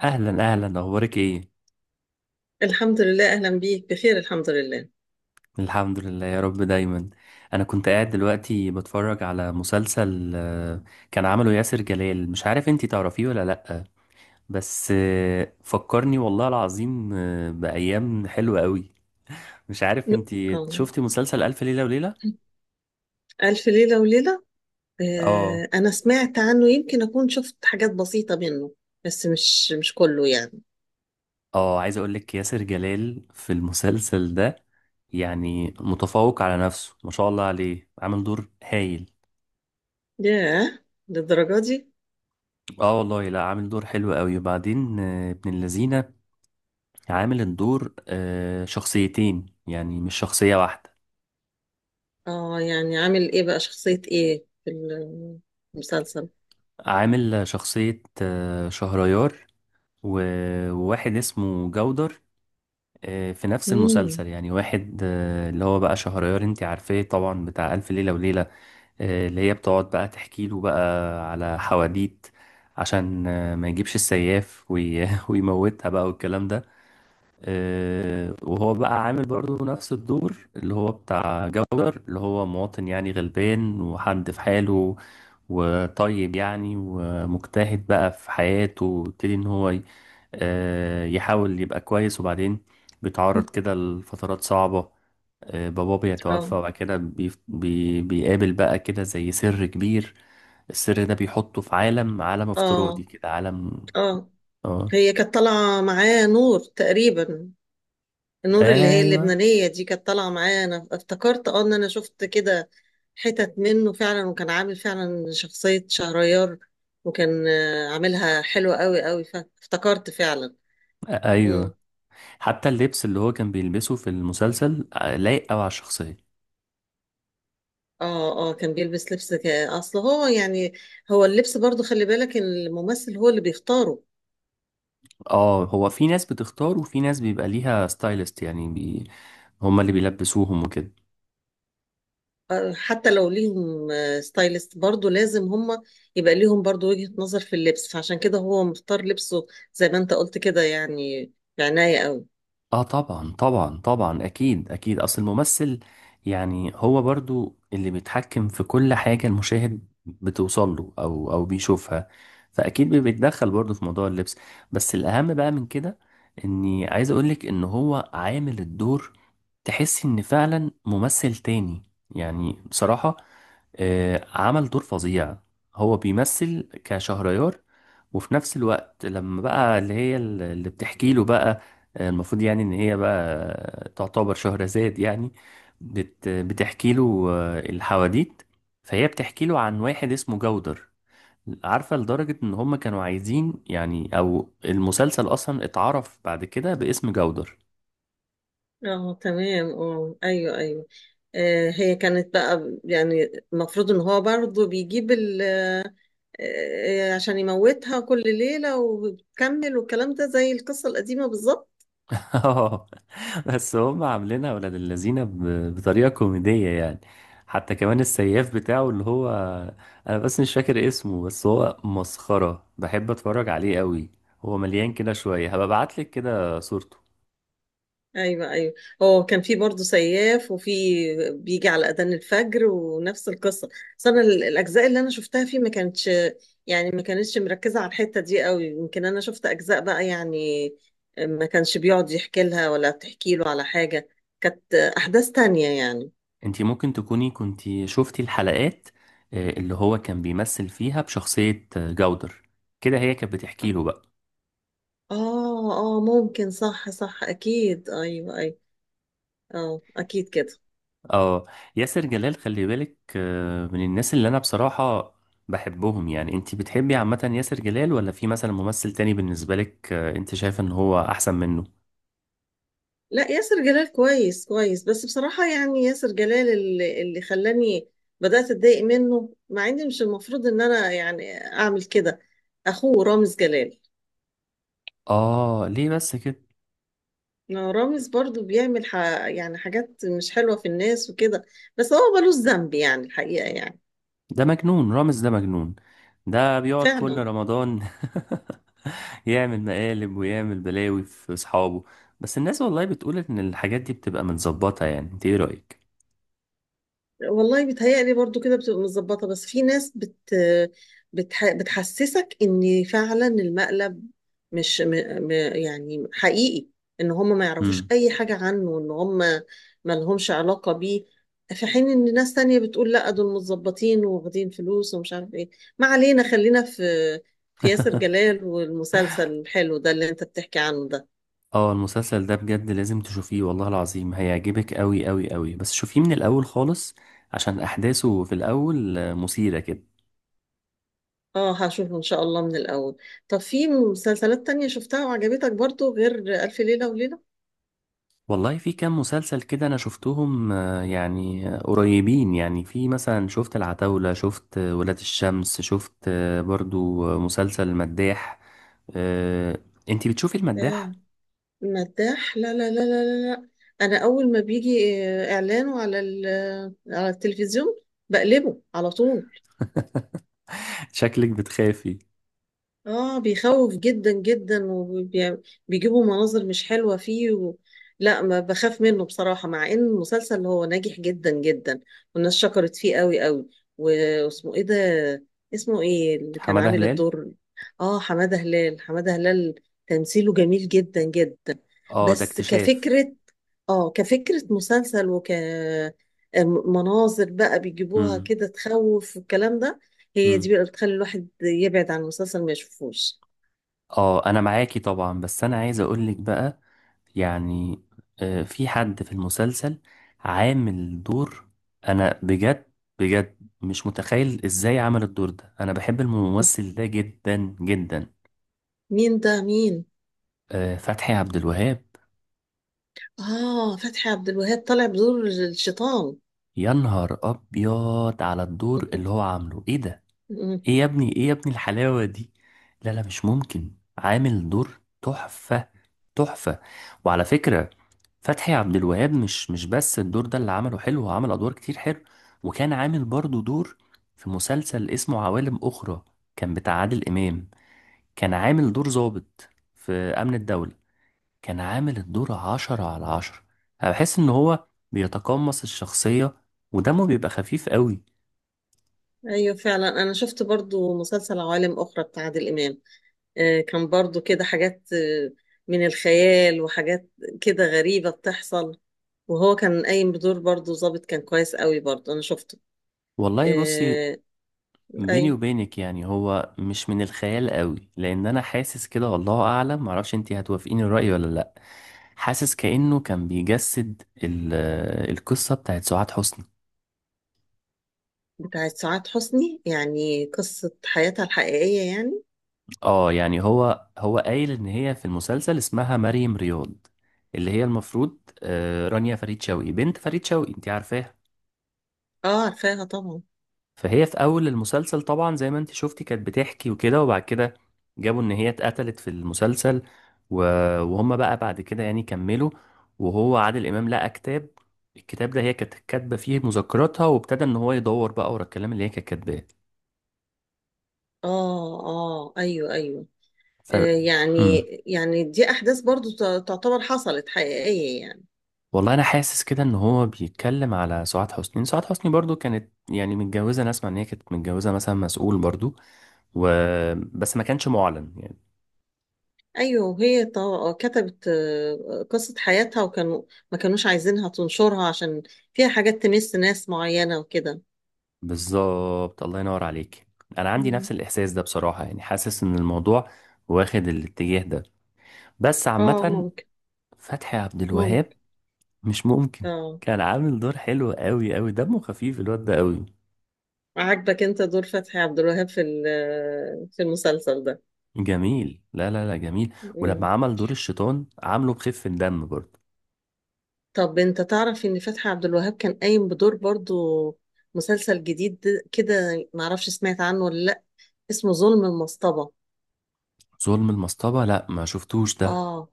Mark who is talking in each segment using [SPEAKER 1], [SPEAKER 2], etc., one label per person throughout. [SPEAKER 1] اهلا اهلا، اخبارك ايه؟
[SPEAKER 2] الحمد لله، أهلا بيك، بخير الحمد لله.
[SPEAKER 1] الحمد لله يا رب دايما. انا كنت قاعد دلوقتي بتفرج على مسلسل، كان عمله ياسر جلال. مش عارف انتي تعرفيه ولا لأ. بس فكرني والله العظيم بأيام حلوة قوي. مش عارف
[SPEAKER 2] م-
[SPEAKER 1] انتي
[SPEAKER 2] آه.
[SPEAKER 1] شفتي مسلسل ألف ليلة وليلة؟
[SPEAKER 2] ألف ليلة وليلة.
[SPEAKER 1] اه.
[SPEAKER 2] أنا سمعت عنه، يمكن أكون شفت حاجات بسيطة منه، بس مش كله يعني.
[SPEAKER 1] اه عايز اقولك ياسر جلال في المسلسل ده يعني متفوق على نفسه، ما شاء الله عليه، عامل دور هايل.
[SPEAKER 2] ياه، للدرجة دي؟
[SPEAKER 1] اه والله، لا عامل دور حلو قوي. وبعدين ابن اللذينه عامل الدور شخصيتين يعني، مش شخصية واحدة.
[SPEAKER 2] يعني عامل إيه بقى، شخصية إيه في المسلسل؟
[SPEAKER 1] عامل شخصية شهريار و- وواحد اسمه جودر، في نفس
[SPEAKER 2] مم.
[SPEAKER 1] المسلسل. يعني واحد اللي هو بقى شهريار، انت عارفاه طبعا، بتاع ألف ليلة وليلة. اللي هي بتقعد بقى تحكي له بقى على حواديت عشان ما يجيبش السياف ويموتها بقى والكلام ده. وهو بقى عامل برضو نفس الدور اللي هو بتاع جودر، اللي هو مواطن يعني غلبان وحد في حاله وطيب يعني ومجتهد بقى في حياته. ويبتدي ان هو يحاول يبقى كويس، وبعدين بيتعرض كده لفترات صعبة. باباه بيتوفى،
[SPEAKER 2] آه.
[SPEAKER 1] وبعد كده بي بي بيقابل بقى كده زي سر كبير. السر ده بيحطه في عالم افتراضي
[SPEAKER 2] آه.
[SPEAKER 1] كده، عالم.
[SPEAKER 2] آه.
[SPEAKER 1] اه،
[SPEAKER 2] هي كانت طالعة معاه نور تقريبا، نور اللي هي
[SPEAKER 1] ايوه
[SPEAKER 2] اللبنانية دي كانت طالعة معايا، أنا افتكرت إن أنا شفت كده حتت منه فعلا، وكان عامل فعلا شخصية شهريار، وكان عاملها حلوة قوي قوي، فافتكرت فعلا. مم.
[SPEAKER 1] ايوه. حتى اللبس اللي هو كان بيلبسه في المسلسل لايق قوي على الشخصية.
[SPEAKER 2] اه، اه، كان بيلبس لبس اصل هو يعني، هو اللبس برضو خلي بالك إن الممثل هو اللي بيختاره.
[SPEAKER 1] اه، هو في ناس بتختار وفي ناس بيبقى ليها ستايلست، يعني هما اللي بيلبسوهم وكده.
[SPEAKER 2] حتى لو ليهم ستايلست، برضو لازم هم يبقى ليهم برضو وجهة نظر في اللبس، فعشان كده هو مختار لبسه زي ما انت قلت كده يعني، بعناية قوي.
[SPEAKER 1] اه طبعا طبعا طبعا، اكيد اكيد، اصل الممثل يعني هو برضو اللي بيتحكم في كل حاجة المشاهد بتوصل له، او او بيشوفها. فاكيد بيتدخل برضو في موضوع اللبس. بس الاهم بقى من كده، اني عايز اقولك ان هو عامل الدور، تحس ان فعلا ممثل تاني يعني، بصراحة. عمل دور فظيع. هو بيمثل كشهريار، وفي نفس الوقت لما بقى اللي هي اللي بتحكي له بقى، المفروض يعني ان هي بقى تعتبر شهرزاد يعني. بتحكي له الحواديت. فهي بتحكي له عن واحد اسمه جودر. عارفة، لدرجة ان هم كانوا عايزين يعني، او المسلسل اصلا اتعرف بعد كده باسم جودر.
[SPEAKER 2] اه، تمام، اه، ايوه، ايوه. هي كانت بقى، يعني المفروض ان هو برضه بيجيب ال آه، آه، عشان يموتها كل ليلة وبتكمل، والكلام ده زي القصة القديمة بالظبط.
[SPEAKER 1] اه. بس هم عاملينها ولاد اللذينه بطريقه كوميديه يعني. حتى كمان السياف بتاعه اللي هو، انا بس مش فاكر اسمه، بس هو مسخره، بحب اتفرج عليه قوي. هو مليان كده شويه. هبقى ابعتلك كده صورته.
[SPEAKER 2] ايوه، ايوه، هو كان في برضه سياف، وفي بيجي على اذان الفجر ونفس القصه. بس انا الاجزاء اللي انا شفتها فيه ما كانتش، يعني ما كانتش مركزه على الحته دي قوي، يمكن انا شفت اجزاء بقى يعني ما كانش بيقعد يحكي لها ولا بتحكي له على حاجه، كانت احداث تانية يعني.
[SPEAKER 1] انتي ممكن تكوني كنتي شفتي الحلقات اللي هو كان بيمثل فيها بشخصيه جودر. كده هي كانت بتحكي له بقى.
[SPEAKER 2] اه، اه، ممكن، صح صح، اكيد، ايوه، ايوه، اه، اكيد كده.
[SPEAKER 1] اه. ياسر جلال خلي بالك، من الناس اللي انا بصراحة بحبهم يعني. انت بتحبي عامة ياسر جلال، ولا في مثلا ممثل تاني بالنسبة لك انت شايفه ان هو احسن منه؟
[SPEAKER 2] لا، ياسر جلال كويس كويس، بس بصراحة يعني ياسر جلال اللي خلاني بدأت أتضايق منه، مع إن مش المفروض إن أنا يعني أعمل كده، أخوه رامز جلال.
[SPEAKER 1] اه ليه بس كده؟
[SPEAKER 2] ما رامز برضو بيعمل يعني حاجات مش حلوة في الناس وكده، بس هو ملوش ذنب يعني الحقيقة يعني.
[SPEAKER 1] ده مجنون، رامز ده مجنون. ده بيقعد كل
[SPEAKER 2] فعلا.
[SPEAKER 1] رمضان يعمل مقالب ويعمل بلاوي في اصحابه. بس الناس والله بتقول ان الحاجات دي بتبقى متظبطة. يعني انت ايه رأيك؟
[SPEAKER 2] والله بيتهيألي برضو كده بتبقى متظبطة، بس في ناس بتحسسك ان فعلا المقلب مش يعني حقيقي، ان هم ما يعرفوش اي حاجة عنه، ان هم ما لهمش علاقة بيه، في حين ان ناس تانية بتقول لا دول متظبطين واخدين فلوس ومش عارف ايه. ما علينا، خلينا في ياسر جلال والمسلسل الحلو ده اللي انت بتحكي عنه ده.
[SPEAKER 1] اه، المسلسل ده بجد لازم تشوفيه، والله العظيم هيعجبك قوي قوي قوي. بس شوفيه من الاول خالص، عشان احداثه في الاول مثيرة كده.
[SPEAKER 2] اه، هشوفه ان شاء الله من الاول. طب في مسلسلات تانية شفتها وعجبتك برضو غير ألف ليلة وليلة؟
[SPEAKER 1] والله في كام مسلسل كده انا شفتهم، يعني قريبين يعني، في مثلا شفت العتاولة، شفت ولاد الشمس، شفت برضو مسلسل المداح. آه، انتي بتشوفي المداح؟
[SPEAKER 2] آه. مداح؟ لا لا لا لا لا لا. انا اول ما بيجي اعلانه على على التلفزيون بقلبه على طول.
[SPEAKER 1] شكلك بتخافي.
[SPEAKER 2] اه، بيخوف جدا جدا، وبيجيبوا مناظر مش حلوة فيه لا، ما بخاف منه بصراحة، مع ان المسلسل هو ناجح جدا جدا، والناس شكرت فيه قوي قوي. واسمه ايه ده؟ اسمه ايه اللي كان
[SPEAKER 1] حمادة
[SPEAKER 2] عامل
[SPEAKER 1] هلال.
[SPEAKER 2] الدور؟ اه، حمادة هلال، حمادة هلال، تمثيله جميل جدا جدا.
[SPEAKER 1] اه ده
[SPEAKER 2] بس
[SPEAKER 1] اكتشاف.
[SPEAKER 2] كفكرة، اه كفكرة مسلسل وك آه، مناظر بقى بيجيبوها
[SPEAKER 1] امم
[SPEAKER 2] كده تخوف والكلام ده، هي دي
[SPEAKER 1] امم
[SPEAKER 2] بقى بتخلي الواحد يبعد عن المسلسل ما يشوفوش.
[SPEAKER 1] اه انا معاكي طبعا. بس انا عايز اقولك بقى يعني، في حد في المسلسل عامل دور، انا بجد بجد مش متخيل ازاي عمل الدور ده. انا بحب الممثل ده جدا جدا.
[SPEAKER 2] مين ده، مين؟
[SPEAKER 1] فتحي عبد الوهاب.
[SPEAKER 2] اه، فتحي عبد الوهاب طالع بدور الشيطان.
[SPEAKER 1] يا نهار ابيض على الدور اللي هو عامله، ايه ده! ايه يا ابني، ايه يا ابني الحلاوة دي! لا لا، مش ممكن، عامل دور تحفة، تحفة. وعلى فكرة، فتحي عبد الوهاب مش بس الدور ده اللي عمله حلو، هو عمل ادوار كتير حلو. وكان عامل برضو دور في مسلسل اسمه عوالم اخرى، كان بتاع عادل امام. كان عامل دور ضابط في امن الدولة. كان عامل الدور عشرة على عشرة. انا بحس ان هو بيتقمص الشخصية، ودمه بيبقى خفيف قوي.
[SPEAKER 2] ايوه فعلا، انا شفت برضو مسلسل عوالم اخرى بتاع عادل امام. كان برضو كده حاجات من الخيال وحاجات كده غريبة بتحصل، وهو كان قايم بدور برضو ظابط، كان كويس قوي برضو انا شفته.
[SPEAKER 1] والله بصي،
[SPEAKER 2] آه.
[SPEAKER 1] بيني
[SPEAKER 2] ايوه
[SPEAKER 1] وبينك يعني، هو مش من الخيال قوي، لان انا حاسس كده، والله اعلم، معرفش انتي هتوافقيني الرأي ولا لا. حاسس كأنه كان بيجسد القصة بتاعت سعاد حسني.
[SPEAKER 2] بتاعت سعاد حسني، يعني قصة حياتها الحقيقية يعني؟
[SPEAKER 1] اه يعني، هو قايل ان هي في المسلسل اسمها مريم رياض، اللي هي المفروض رانيا فريد شوقي، بنت فريد شوقي، انت عارفاها.
[SPEAKER 2] اه عارفاها طبعا.
[SPEAKER 1] فهي في اول المسلسل طبعا زي ما انت شفتي كانت بتحكي وكده. وبعد كده جابوا ان هي اتقتلت في المسلسل. و- وهم بقى بعد كده يعني كملوا. وهو عادل امام لقى كتاب، الكتاب ده هي كانت كاتبه فيه مذكراتها. وابتدى ان هو يدور بقى ورا الكلام اللي هي كانت كاتباه.
[SPEAKER 2] اه، اه، ايوه، ايوه.
[SPEAKER 1] طب،
[SPEAKER 2] يعني
[SPEAKER 1] مم.
[SPEAKER 2] دي احداث برضو تعتبر حصلت حقيقية يعني.
[SPEAKER 1] والله انا حاسس كده ان هو بيتكلم على سعاد حسني. سعاد حسني برضو كانت يعني متجوزه. انا اسمع ان هي كانت متجوزه مثلا مسؤول برضو، و... بس ما كانش معلن يعني.
[SPEAKER 2] ايوه، وهي كتبت قصة حياتها، وكانوا ما كانوش عايزينها تنشرها عشان فيها حاجات تمس ناس معينة وكده.
[SPEAKER 1] بالظبط، الله ينور عليك. انا عندي نفس
[SPEAKER 2] مم.
[SPEAKER 1] الاحساس ده بصراحه، يعني حاسس ان الموضوع واخد الاتجاه ده. بس
[SPEAKER 2] اه،
[SPEAKER 1] عامه،
[SPEAKER 2] ممكن،
[SPEAKER 1] فتحي عبد الوهاب
[SPEAKER 2] ممكن،
[SPEAKER 1] مش ممكن،
[SPEAKER 2] اه.
[SPEAKER 1] كان عامل دور حلو قوي قوي. دمه خفيف الواد ده قوي.
[SPEAKER 2] عاجبك انت دور فتحي عبد الوهاب في في المسلسل ده؟
[SPEAKER 1] جميل، لا لا لا، جميل. ولما
[SPEAKER 2] مم.
[SPEAKER 1] عمل دور الشيطان، عامله بخفة دم برضه.
[SPEAKER 2] طب انت تعرف ان فتحي عبد الوهاب كان قايم بدور برضو مسلسل جديد كده، معرفش سمعت عنه ولا، اسمه ظلم المصطبة.
[SPEAKER 1] ظلم المصطبة، لا ما شفتوش ده.
[SPEAKER 2] اه،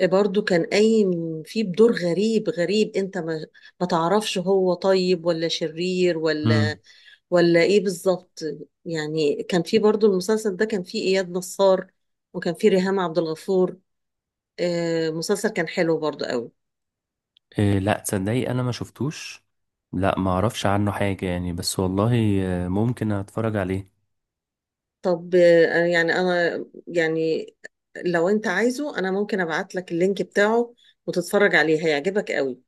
[SPEAKER 2] إيه، برضو كان قايم فيه بدور غريب غريب، انت ما تعرفش هو طيب ولا شرير ولا
[SPEAKER 1] امم
[SPEAKER 2] ولا ايه بالظبط، يعني كان فيه برضو المسلسل ده، كان فيه اياد نصار، وكان فيه ريهام عبد الغفور. مسلسل كان حلو برضو قوي.
[SPEAKER 1] إيه، لا تصدقي، انا ما شفتوش. لا، ما اعرفش عنه حاجة يعني. بس والله ممكن اتفرج عليه.
[SPEAKER 2] طب يعني انا يعني، لو انت عايزه انا ممكن ابعت لك اللينك بتاعه وتتفرج عليه هيعجبك قوي.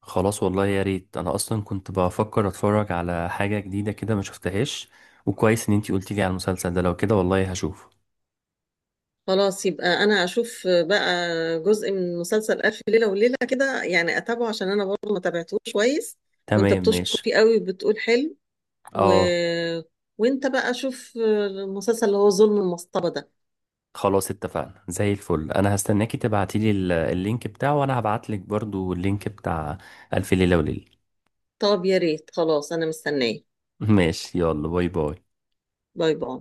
[SPEAKER 1] خلاص، والله يا ريت، انا اصلا كنت بفكر اتفرج على حاجة جديدة كده ما شفتهاش. وكويس ان انتي قلتي لي على المسلسل ده. لو كده، والله هشوفه.
[SPEAKER 2] خلاص، يبقى انا اشوف بقى جزء من مسلسل الف ليله وليله كده يعني اتابعه، عشان انا برضه ما تابعتوش كويس، وانت
[SPEAKER 1] تمام
[SPEAKER 2] بتشكر
[SPEAKER 1] ماشي.
[SPEAKER 2] فيه قوي وبتقول حلو و...
[SPEAKER 1] اه.
[SPEAKER 2] وانت بقى شوف المسلسل اللي هو ظلم المصطبه ده.
[SPEAKER 1] خلاص اتفقنا زي الفل. انا هستناكي تبعتي لي اللينك بتاعه، وانا هبعت لك برضو اللينك بتاع الف ليلة وليلة.
[SPEAKER 2] طب يا ريت، خلاص انا مستنيه.
[SPEAKER 1] ماشي، يلا باي باي.
[SPEAKER 2] باي باي.